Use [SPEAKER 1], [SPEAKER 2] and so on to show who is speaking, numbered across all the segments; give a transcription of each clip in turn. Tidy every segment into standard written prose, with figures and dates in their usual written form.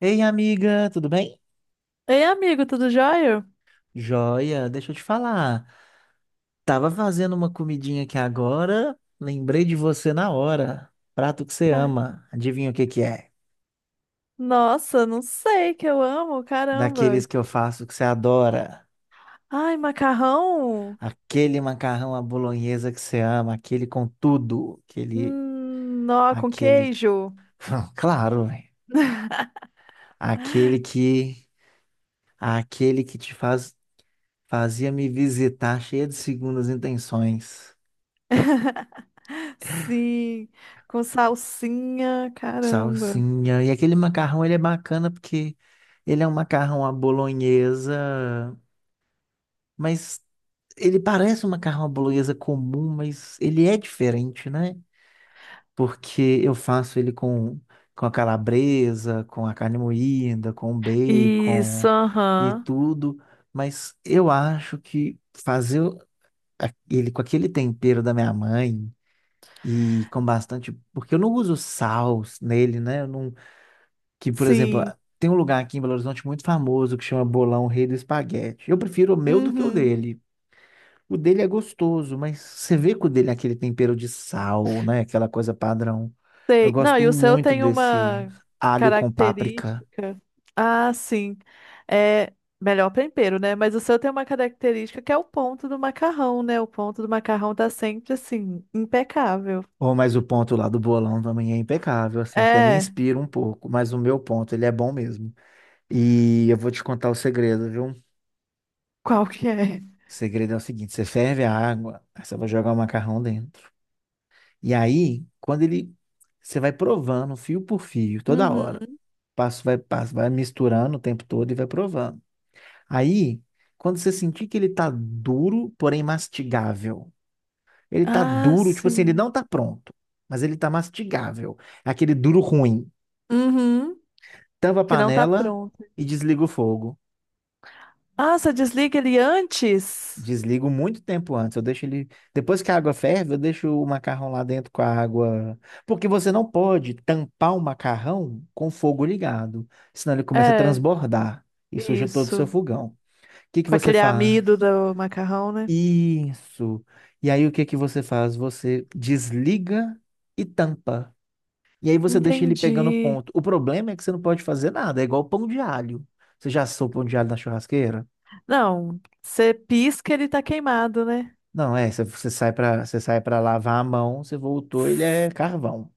[SPEAKER 1] Ei, amiga, tudo bem?
[SPEAKER 2] Ei, amigo, tudo jóia?
[SPEAKER 1] Joia, deixa eu te falar. Tava fazendo uma comidinha aqui agora, lembrei de você na hora. Prato que você
[SPEAKER 2] Ca-
[SPEAKER 1] ama, adivinha o que que é?
[SPEAKER 2] Nossa, não sei que eu amo, caramba.
[SPEAKER 1] Daqueles que eu faço que você adora.
[SPEAKER 2] Ai, macarrão?
[SPEAKER 1] Aquele macarrão à bolonhesa que você ama, aquele com tudo,
[SPEAKER 2] Nó com
[SPEAKER 1] aquele,
[SPEAKER 2] queijo?
[SPEAKER 1] claro, velho. Aquele que, aquele que fazia me visitar cheia de segundas intenções.
[SPEAKER 2] Sim, com salsinha, caramba.
[SPEAKER 1] Salsinha. E aquele macarrão, ele é bacana porque ele é um macarrão à bolonhesa, mas ele parece um macarrão à bolonhesa comum, mas ele é diferente, né? Porque eu faço ele com a calabresa, com a carne moída, com
[SPEAKER 2] Isso,
[SPEAKER 1] bacon e
[SPEAKER 2] aham.
[SPEAKER 1] tudo, mas eu acho que ele com aquele tempero da minha mãe e com bastante, porque eu não uso sal nele, né? Que, por exemplo,
[SPEAKER 2] Sim.
[SPEAKER 1] tem um lugar aqui em Belo Horizonte muito famoso que chama Bolão Rei do Espaguete. Eu prefiro o meu do que o
[SPEAKER 2] Uhum.
[SPEAKER 1] dele. O dele é gostoso, mas você vê que o dele é aquele tempero de sal, né? Aquela coisa padrão. Eu
[SPEAKER 2] Sei. Não,
[SPEAKER 1] gosto
[SPEAKER 2] e o seu
[SPEAKER 1] muito
[SPEAKER 2] tem
[SPEAKER 1] desse
[SPEAKER 2] uma
[SPEAKER 1] alho com páprica.
[SPEAKER 2] característica. Ah, sim. É melhor tempero, né? Mas o seu tem uma característica que é o ponto do macarrão, né? O ponto do macarrão tá sempre assim, impecável.
[SPEAKER 1] Ou mas o ponto lá do bolão também é impecável, assim, até me
[SPEAKER 2] É,
[SPEAKER 1] inspira um pouco, mas o meu ponto, ele é bom mesmo. E eu vou te contar o segredo, viu?
[SPEAKER 2] qual que é?
[SPEAKER 1] O segredo é o seguinte: você ferve a água, aí você vai jogar o macarrão dentro. E aí, você vai provando fio por fio, toda hora,
[SPEAKER 2] Uhum.
[SPEAKER 1] passo, vai misturando o tempo todo e vai provando. Aí, quando você sentir que ele tá duro, porém mastigável, ele tá
[SPEAKER 2] Ah,
[SPEAKER 1] duro, tipo assim, ele
[SPEAKER 2] sim.
[SPEAKER 1] não tá pronto, mas ele tá mastigável. É aquele duro ruim.
[SPEAKER 2] Uhum.
[SPEAKER 1] Tampa a
[SPEAKER 2] Que não tá
[SPEAKER 1] panela
[SPEAKER 2] pronto.
[SPEAKER 1] e desliga o fogo.
[SPEAKER 2] Ah, você desliga ele antes?
[SPEAKER 1] Desligo muito tempo antes. Eu deixo ele. Depois que a água ferve, eu deixo o macarrão lá dentro com a água. Porque você não pode tampar o macarrão com o fogo ligado. Senão ele começa a
[SPEAKER 2] É,
[SPEAKER 1] transbordar e suja todo o seu
[SPEAKER 2] isso.
[SPEAKER 1] fogão. O que que
[SPEAKER 2] Com
[SPEAKER 1] você
[SPEAKER 2] aquele amido
[SPEAKER 1] faz?
[SPEAKER 2] do macarrão, né?
[SPEAKER 1] Isso. E aí o que que você faz? Você desliga e tampa. E aí você deixa ele pegando
[SPEAKER 2] Entendi.
[SPEAKER 1] ponto. O problema é que você não pode fazer nada. É igual pão de alho. Você já assou pão de alho na churrasqueira?
[SPEAKER 2] Não, você pisca, ele tá queimado, né?
[SPEAKER 1] Não, é, se você sai para você sai para lavar a mão, você voltou, ele é carvão.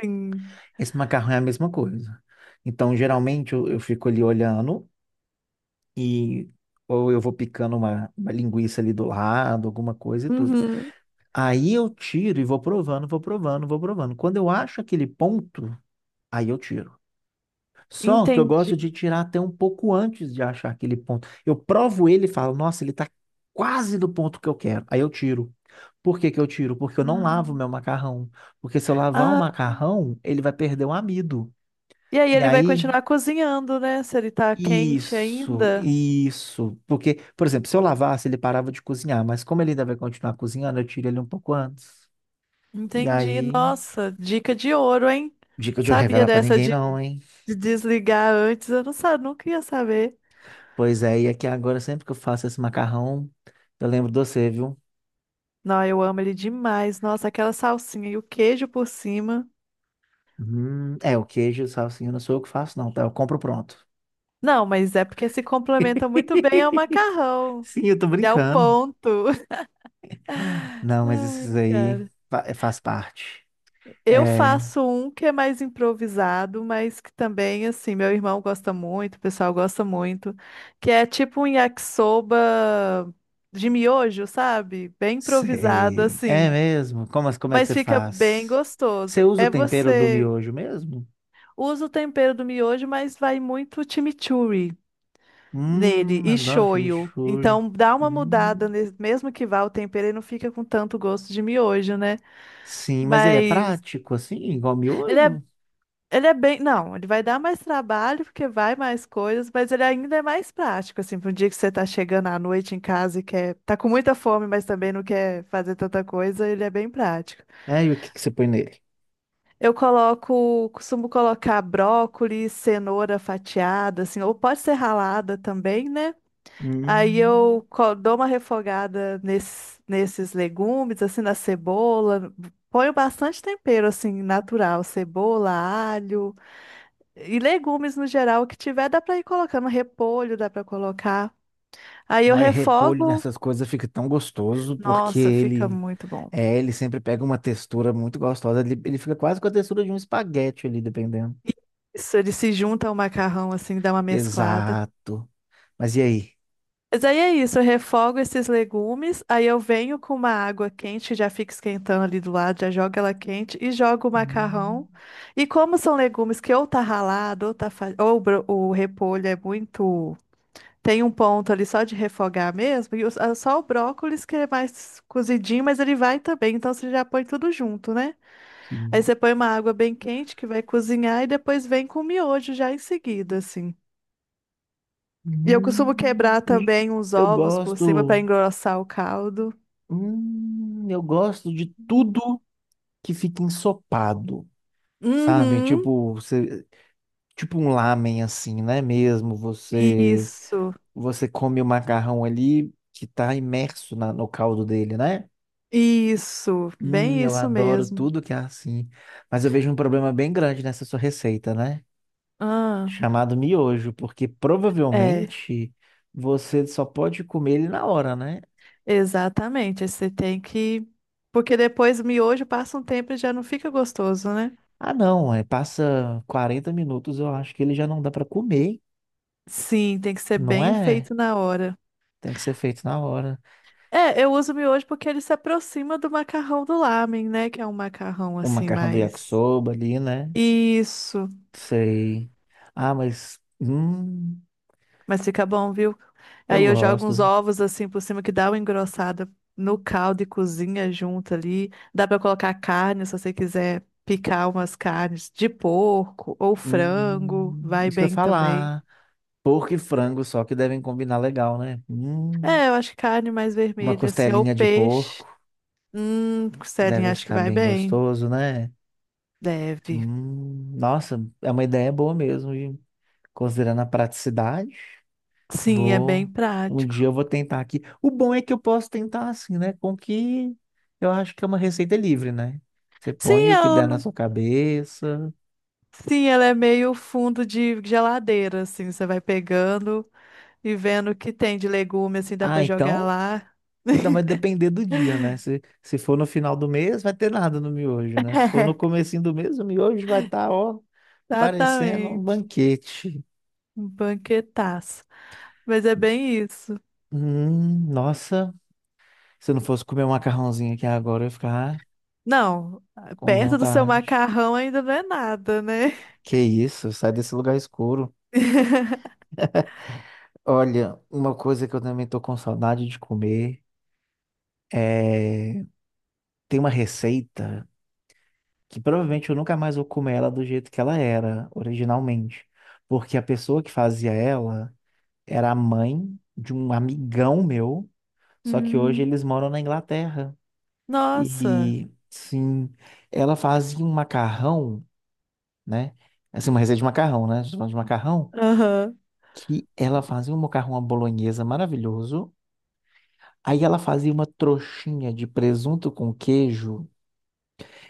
[SPEAKER 2] Sim.
[SPEAKER 1] Esse macarrão é a mesma coisa. Então, geralmente eu fico ali olhando e ou eu vou picando uma linguiça ali do lado, alguma coisa e tudo.
[SPEAKER 2] Uhum,
[SPEAKER 1] Aí eu tiro e vou provando, vou provando, vou provando. Quando eu acho aquele ponto, aí eu tiro. Só que eu
[SPEAKER 2] entendi.
[SPEAKER 1] gosto de tirar até um pouco antes de achar aquele ponto. Eu provo ele e falo, nossa, ele está quase do ponto que eu quero. Aí eu tiro. Por que que eu tiro? Porque eu não lavo meu macarrão. Porque se eu lavar o
[SPEAKER 2] Ah,
[SPEAKER 1] macarrão, ele vai perder o amido.
[SPEAKER 2] e aí
[SPEAKER 1] E
[SPEAKER 2] ele vai
[SPEAKER 1] aí,
[SPEAKER 2] continuar cozinhando, né? Se ele tá quente
[SPEAKER 1] isso,
[SPEAKER 2] ainda.
[SPEAKER 1] isso. Porque, por exemplo, se eu lavasse, ele parava de cozinhar. Mas como ele ainda vai continuar cozinhando, eu tiro ele um pouco antes. E
[SPEAKER 2] Entendi.
[SPEAKER 1] aí,
[SPEAKER 2] Nossa, dica de ouro, hein?
[SPEAKER 1] dica de eu
[SPEAKER 2] Sabia
[SPEAKER 1] revelar pra ninguém não, hein?
[SPEAKER 2] de desligar antes? Eu não sabia, nunca ia saber.
[SPEAKER 1] Pois é, e aqui agora, sempre que eu faço esse macarrão, eu lembro de você, viu?
[SPEAKER 2] Não, eu amo ele demais. Nossa, aquela salsinha e o queijo por cima.
[SPEAKER 1] É, o queijo, salsinha, não sou eu que faço, não, tá? Eu compro pronto.
[SPEAKER 2] Não, mas é porque se complementa muito bem ao macarrão
[SPEAKER 1] Sim, eu tô
[SPEAKER 2] e ao
[SPEAKER 1] brincando.
[SPEAKER 2] ponto.
[SPEAKER 1] Não, mas
[SPEAKER 2] Ai,
[SPEAKER 1] esses aí
[SPEAKER 2] cara.
[SPEAKER 1] é, faz parte.
[SPEAKER 2] Eu
[SPEAKER 1] É,
[SPEAKER 2] faço um que é mais improvisado, mas que também, assim, meu irmão gosta muito, o pessoal gosta muito, que é tipo um yakisoba de miojo, sabe? Bem improvisado,
[SPEAKER 1] sei. É
[SPEAKER 2] assim,
[SPEAKER 1] mesmo? Como é que
[SPEAKER 2] mas
[SPEAKER 1] você
[SPEAKER 2] fica bem
[SPEAKER 1] faz? Você
[SPEAKER 2] gostoso.
[SPEAKER 1] usa o
[SPEAKER 2] É
[SPEAKER 1] tempero do
[SPEAKER 2] você
[SPEAKER 1] miojo mesmo?
[SPEAKER 2] usa o tempero do miojo, mas vai muito chimichurri nele e
[SPEAKER 1] Adoro
[SPEAKER 2] shoyu.
[SPEAKER 1] chimichurri.
[SPEAKER 2] Então dá uma mudada,
[SPEAKER 1] Hum,
[SPEAKER 2] mesmo que vá o tempero, ele não fica com tanto gosto de miojo, né?
[SPEAKER 1] sim, mas ele é
[SPEAKER 2] Mas
[SPEAKER 1] prático, assim, igual
[SPEAKER 2] ele é
[SPEAKER 1] miojo?
[SPEAKER 2] Ele é bem. Não, ele vai dar mais trabalho, porque vai mais coisas, mas ele ainda é mais prático, assim, para um dia que você tá chegando à noite em casa e quer. Tá com muita fome, mas também não quer fazer tanta coisa, ele é bem prático.
[SPEAKER 1] É, e o que que você põe nele?
[SPEAKER 2] Eu coloco, costumo colocar brócolis, cenoura fatiada, assim, ou pode ser ralada também, né? Aí
[SPEAKER 1] Hum.
[SPEAKER 2] eu dou uma refogada nesses legumes, assim, na cebola. Ponho bastante tempero, assim, natural, cebola, alho. E legumes no geral, o que tiver, dá pra ir colocando. Repolho dá pra colocar. Aí eu
[SPEAKER 1] Nós repolho
[SPEAKER 2] refogo.
[SPEAKER 1] nessas coisas fica tão gostoso porque
[SPEAKER 2] Nossa, fica
[SPEAKER 1] ele
[SPEAKER 2] muito bom.
[SPEAKER 1] é, ele sempre pega uma textura muito gostosa. Ele fica quase com a textura de um espaguete ali, dependendo.
[SPEAKER 2] Isso, ele se junta ao macarrão, assim, dá uma mesclada.
[SPEAKER 1] Exato. Mas e aí?
[SPEAKER 2] Mas aí é isso, eu refogo esses legumes, aí eu venho com uma água quente, já fica esquentando ali do lado, já jogo ela quente e jogo o
[SPEAKER 1] Hum.
[SPEAKER 2] macarrão. E como são legumes que ou tá ralado, ou tá fa... ou o repolho é muito Tem um ponto ali só de refogar mesmo, ah, só o brócolis que é mais cozidinho, mas ele vai também, então você já põe tudo junto, né? Aí
[SPEAKER 1] Sim.
[SPEAKER 2] você põe uma água bem quente que vai cozinhar e depois vem com o miojo já em seguida, assim. E eu costumo quebrar
[SPEAKER 1] E
[SPEAKER 2] também uns
[SPEAKER 1] eu
[SPEAKER 2] ovos por cima para
[SPEAKER 1] gosto.
[SPEAKER 2] engrossar o caldo.
[SPEAKER 1] Eu gosto de
[SPEAKER 2] Uhum.
[SPEAKER 1] tudo que fica ensopado, sabe?
[SPEAKER 2] Uhum,
[SPEAKER 1] Tipo, você, tipo um lamen assim, né? Mesmo você
[SPEAKER 2] Isso,
[SPEAKER 1] você come o macarrão ali que tá imerso no caldo dele, né?
[SPEAKER 2] isso, bem
[SPEAKER 1] Eu
[SPEAKER 2] isso
[SPEAKER 1] adoro
[SPEAKER 2] mesmo.
[SPEAKER 1] tudo que é assim. Mas eu vejo um problema bem grande nessa sua receita, né?
[SPEAKER 2] Ah,
[SPEAKER 1] Chamado miojo, porque
[SPEAKER 2] é,
[SPEAKER 1] provavelmente você só pode comer ele na hora, né?
[SPEAKER 2] exatamente. Aí Você tem que. Porque depois o miojo passa um tempo e já não fica gostoso, né?
[SPEAKER 1] Ah, não, é, passa 40 minutos, eu acho que ele já não dá pra comer,
[SPEAKER 2] Sim, tem que ser
[SPEAKER 1] não
[SPEAKER 2] bem
[SPEAKER 1] é?
[SPEAKER 2] feito na hora.
[SPEAKER 1] Tem que ser feito na hora.
[SPEAKER 2] É, eu uso miojo porque ele se aproxima do macarrão do lamen, né? Que é um macarrão
[SPEAKER 1] O
[SPEAKER 2] assim
[SPEAKER 1] macarrão do
[SPEAKER 2] mais.
[SPEAKER 1] yakisoba ali, né?
[SPEAKER 2] Isso.
[SPEAKER 1] Sei. Ah, mas
[SPEAKER 2] Mas fica bom, viu?
[SPEAKER 1] eu
[SPEAKER 2] Aí eu jogo uns
[SPEAKER 1] gosto.
[SPEAKER 2] ovos assim por cima que dá uma engrossada no caldo e cozinha junto ali. Dá pra colocar carne se você quiser picar umas carnes de porco ou frango, vai
[SPEAKER 1] Isso que eu ia
[SPEAKER 2] bem também.
[SPEAKER 1] falar. Porco e frango, só que devem combinar legal, né?
[SPEAKER 2] É, eu acho que carne mais
[SPEAKER 1] Uma
[SPEAKER 2] vermelha assim ou
[SPEAKER 1] costelinha de
[SPEAKER 2] peixe.
[SPEAKER 1] porco
[SPEAKER 2] Celinha,
[SPEAKER 1] deve
[SPEAKER 2] acho que
[SPEAKER 1] ficar
[SPEAKER 2] vai
[SPEAKER 1] bem
[SPEAKER 2] bem.
[SPEAKER 1] gostoso, né?
[SPEAKER 2] Deve.
[SPEAKER 1] Nossa, é uma ideia boa mesmo. E considerando a praticidade,
[SPEAKER 2] Sim, é bem
[SPEAKER 1] vou. Um dia
[SPEAKER 2] prático.
[SPEAKER 1] eu vou tentar aqui. O bom é que eu posso tentar assim, né? Com que eu acho que é uma receita livre, né? Você
[SPEAKER 2] Sim,
[SPEAKER 1] põe o que der na
[SPEAKER 2] ela,
[SPEAKER 1] sua cabeça.
[SPEAKER 2] sim, ela é meio fundo de geladeira, assim, você vai pegando e vendo o que tem de legume, assim, dá
[SPEAKER 1] Ah,
[SPEAKER 2] pra jogar
[SPEAKER 1] então
[SPEAKER 2] lá.
[SPEAKER 1] então vai depender do dia, né? Se for no final do mês, vai ter nada no miojo, né? Se for no comecinho do mês, o miojo vai estar, ó, parecendo um
[SPEAKER 2] Exatamente,
[SPEAKER 1] banquete.
[SPEAKER 2] um banquetaço. Mas é bem isso.
[SPEAKER 1] Nossa, se eu não fosse comer um macarrãozinho aqui agora, eu ia ficar
[SPEAKER 2] Não,
[SPEAKER 1] com
[SPEAKER 2] perto do seu
[SPEAKER 1] vontade.
[SPEAKER 2] macarrão ainda não é nada, né?
[SPEAKER 1] Que isso, sai desse lugar escuro. Olha, uma coisa que eu também tô com saudade de comer é... tem uma receita que provavelmente eu nunca mais vou comer ela do jeito que ela era originalmente. Porque a pessoa que fazia ela era a mãe de um amigão meu, só que
[SPEAKER 2] Hum,
[SPEAKER 1] hoje eles moram na Inglaterra.
[SPEAKER 2] nossa,
[SPEAKER 1] E sim, ela fazia um macarrão, né? Assim, uma receita de macarrão, né? A gente falando de macarrão,
[SPEAKER 2] aham,
[SPEAKER 1] que ela fazia um macarrão à bolonhesa maravilhoso. Aí ela fazia uma trouxinha de presunto com queijo,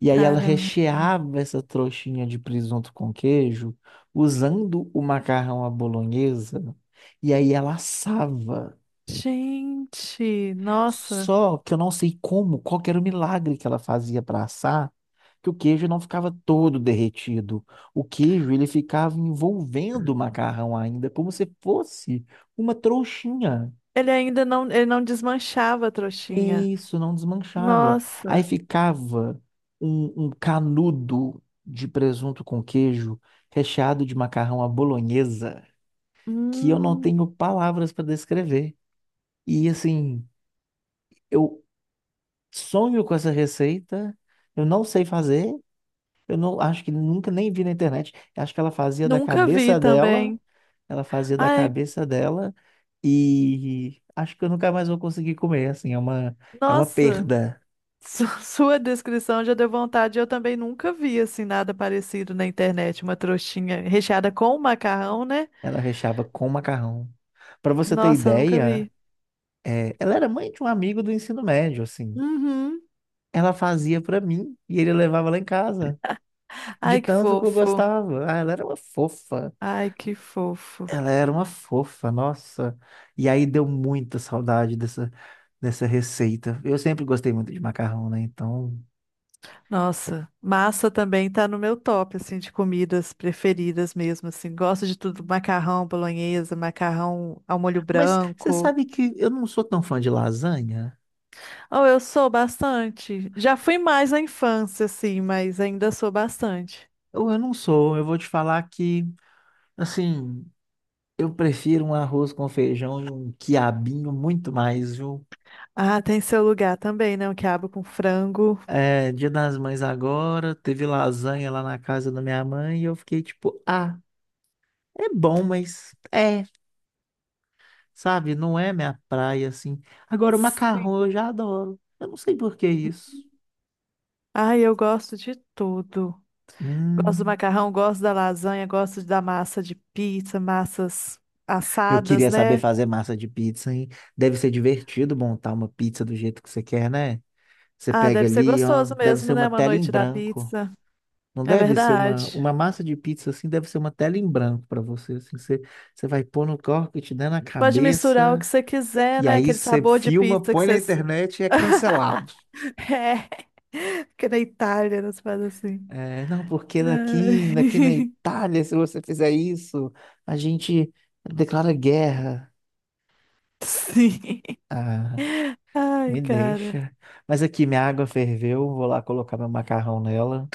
[SPEAKER 1] e aí ela
[SPEAKER 2] Caramba.
[SPEAKER 1] recheava essa trouxinha de presunto com queijo usando o macarrão à bolonhesa, e aí ela assava.
[SPEAKER 2] Gente, nossa.
[SPEAKER 1] Só que eu não sei como, qual que era o milagre que ela fazia para assar, que o queijo não ficava todo derretido. O queijo, ele ficava envolvendo o macarrão ainda, como se fosse uma trouxinha.
[SPEAKER 2] Ele ainda não, ele não desmanchava a trouxinha.
[SPEAKER 1] E isso não desmanchava. Aí
[SPEAKER 2] Nossa.
[SPEAKER 1] ficava um canudo de presunto com queijo, recheado de macarrão à bolonhesa, que eu não
[SPEAKER 2] Hum,
[SPEAKER 1] tenho palavras para descrever. E assim, eu sonho com essa receita, eu não sei fazer. Eu não acho que nunca nem vi na internet. Eu acho que ela fazia da
[SPEAKER 2] nunca vi
[SPEAKER 1] cabeça dela,
[SPEAKER 2] também.
[SPEAKER 1] ela fazia da
[SPEAKER 2] Ai,
[SPEAKER 1] cabeça dela e acho que eu nunca mais vou conseguir comer, assim, é uma
[SPEAKER 2] nossa.
[SPEAKER 1] perda.
[SPEAKER 2] Sua descrição já deu vontade. Eu também nunca vi assim nada parecido na internet, uma trouxinha recheada com macarrão, né?
[SPEAKER 1] Ela recheava com macarrão. Para você ter
[SPEAKER 2] Nossa, eu nunca
[SPEAKER 1] ideia,
[SPEAKER 2] vi.
[SPEAKER 1] é, ela era mãe de um amigo do ensino médio, assim.
[SPEAKER 2] Uhum.
[SPEAKER 1] Ela fazia para mim e ele levava lá em casa, de
[SPEAKER 2] Ai, que
[SPEAKER 1] tanto que eu
[SPEAKER 2] fofo.
[SPEAKER 1] gostava. Ah, ela era uma fofa.
[SPEAKER 2] Ai, que fofo.
[SPEAKER 1] Ela era uma fofa, nossa. E aí deu muita saudade dessa receita. Eu sempre gostei muito de macarrão, né? Então.
[SPEAKER 2] Nossa, massa também tá no meu top, assim, de comidas preferidas mesmo, assim. Gosto de tudo, macarrão bolonhesa, macarrão ao molho
[SPEAKER 1] Mas você
[SPEAKER 2] branco.
[SPEAKER 1] sabe que eu não sou tão fã de lasanha?
[SPEAKER 2] Oh, eu sou bastante. Já fui mais na infância, assim, mas ainda sou bastante.
[SPEAKER 1] Ou eu não sou. Eu vou te falar que, assim, eu prefiro um arroz com feijão e um quiabinho muito mais, viu?
[SPEAKER 2] Ah, tem seu lugar também, né? O quiabo com frango.
[SPEAKER 1] É, Dia das Mães agora, teve lasanha lá na casa da minha mãe e eu fiquei tipo, ah, é bom, mas. É. Sabe? Não é minha praia, assim. Agora, o
[SPEAKER 2] Sim.
[SPEAKER 1] macarrão eu já adoro. Eu não sei por que isso.
[SPEAKER 2] Ai, eu gosto de tudo. Gosto do
[SPEAKER 1] Hum,
[SPEAKER 2] macarrão, gosto da lasanha, gosto da massa de pizza, massas
[SPEAKER 1] eu
[SPEAKER 2] assadas,
[SPEAKER 1] queria saber
[SPEAKER 2] né?
[SPEAKER 1] fazer massa de pizza, hein? Deve ser divertido montar uma pizza do jeito que você quer, né? Você
[SPEAKER 2] Ah,
[SPEAKER 1] pega
[SPEAKER 2] deve ser
[SPEAKER 1] ali, ó,
[SPEAKER 2] gostoso
[SPEAKER 1] deve ser
[SPEAKER 2] mesmo,
[SPEAKER 1] uma
[SPEAKER 2] né? Uma
[SPEAKER 1] tela em
[SPEAKER 2] noite da
[SPEAKER 1] branco.
[SPEAKER 2] pizza.
[SPEAKER 1] Não
[SPEAKER 2] É
[SPEAKER 1] deve ser uma,
[SPEAKER 2] verdade.
[SPEAKER 1] uma massa de pizza assim, deve ser uma tela em branco para você, assim, você, você vai pôr no corpo, te dando na
[SPEAKER 2] Você pode misturar o
[SPEAKER 1] cabeça,
[SPEAKER 2] que você quiser,
[SPEAKER 1] e
[SPEAKER 2] né?
[SPEAKER 1] aí
[SPEAKER 2] Aquele
[SPEAKER 1] você
[SPEAKER 2] sabor de
[SPEAKER 1] filma,
[SPEAKER 2] pizza que
[SPEAKER 1] põe na
[SPEAKER 2] você.
[SPEAKER 1] internet e é cancelado.
[SPEAKER 2] É. Porque na Itália eles fazem assim.
[SPEAKER 1] É, não, porque daqui na
[SPEAKER 2] Ai,
[SPEAKER 1] Itália, se você fizer isso, a gente declara guerra.
[SPEAKER 2] Sim.
[SPEAKER 1] Ah, me
[SPEAKER 2] Ai, cara.
[SPEAKER 1] deixa. Mas aqui minha água ferveu, vou lá colocar meu macarrão nela.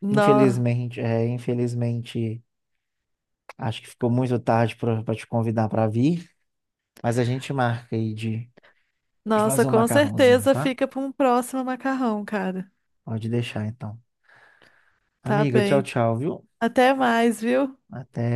[SPEAKER 2] No...
[SPEAKER 1] Infelizmente, acho que ficou muito tarde para te convidar para vir, mas a gente marca aí de
[SPEAKER 2] Nossa,
[SPEAKER 1] fazer um
[SPEAKER 2] com
[SPEAKER 1] macarrãozinho,
[SPEAKER 2] certeza
[SPEAKER 1] tá?
[SPEAKER 2] fica para um próximo macarrão, cara.
[SPEAKER 1] Pode deixar então.
[SPEAKER 2] Tá
[SPEAKER 1] Amiga, tchau,
[SPEAKER 2] bem.
[SPEAKER 1] tchau, viu?
[SPEAKER 2] Até mais, viu?
[SPEAKER 1] Até.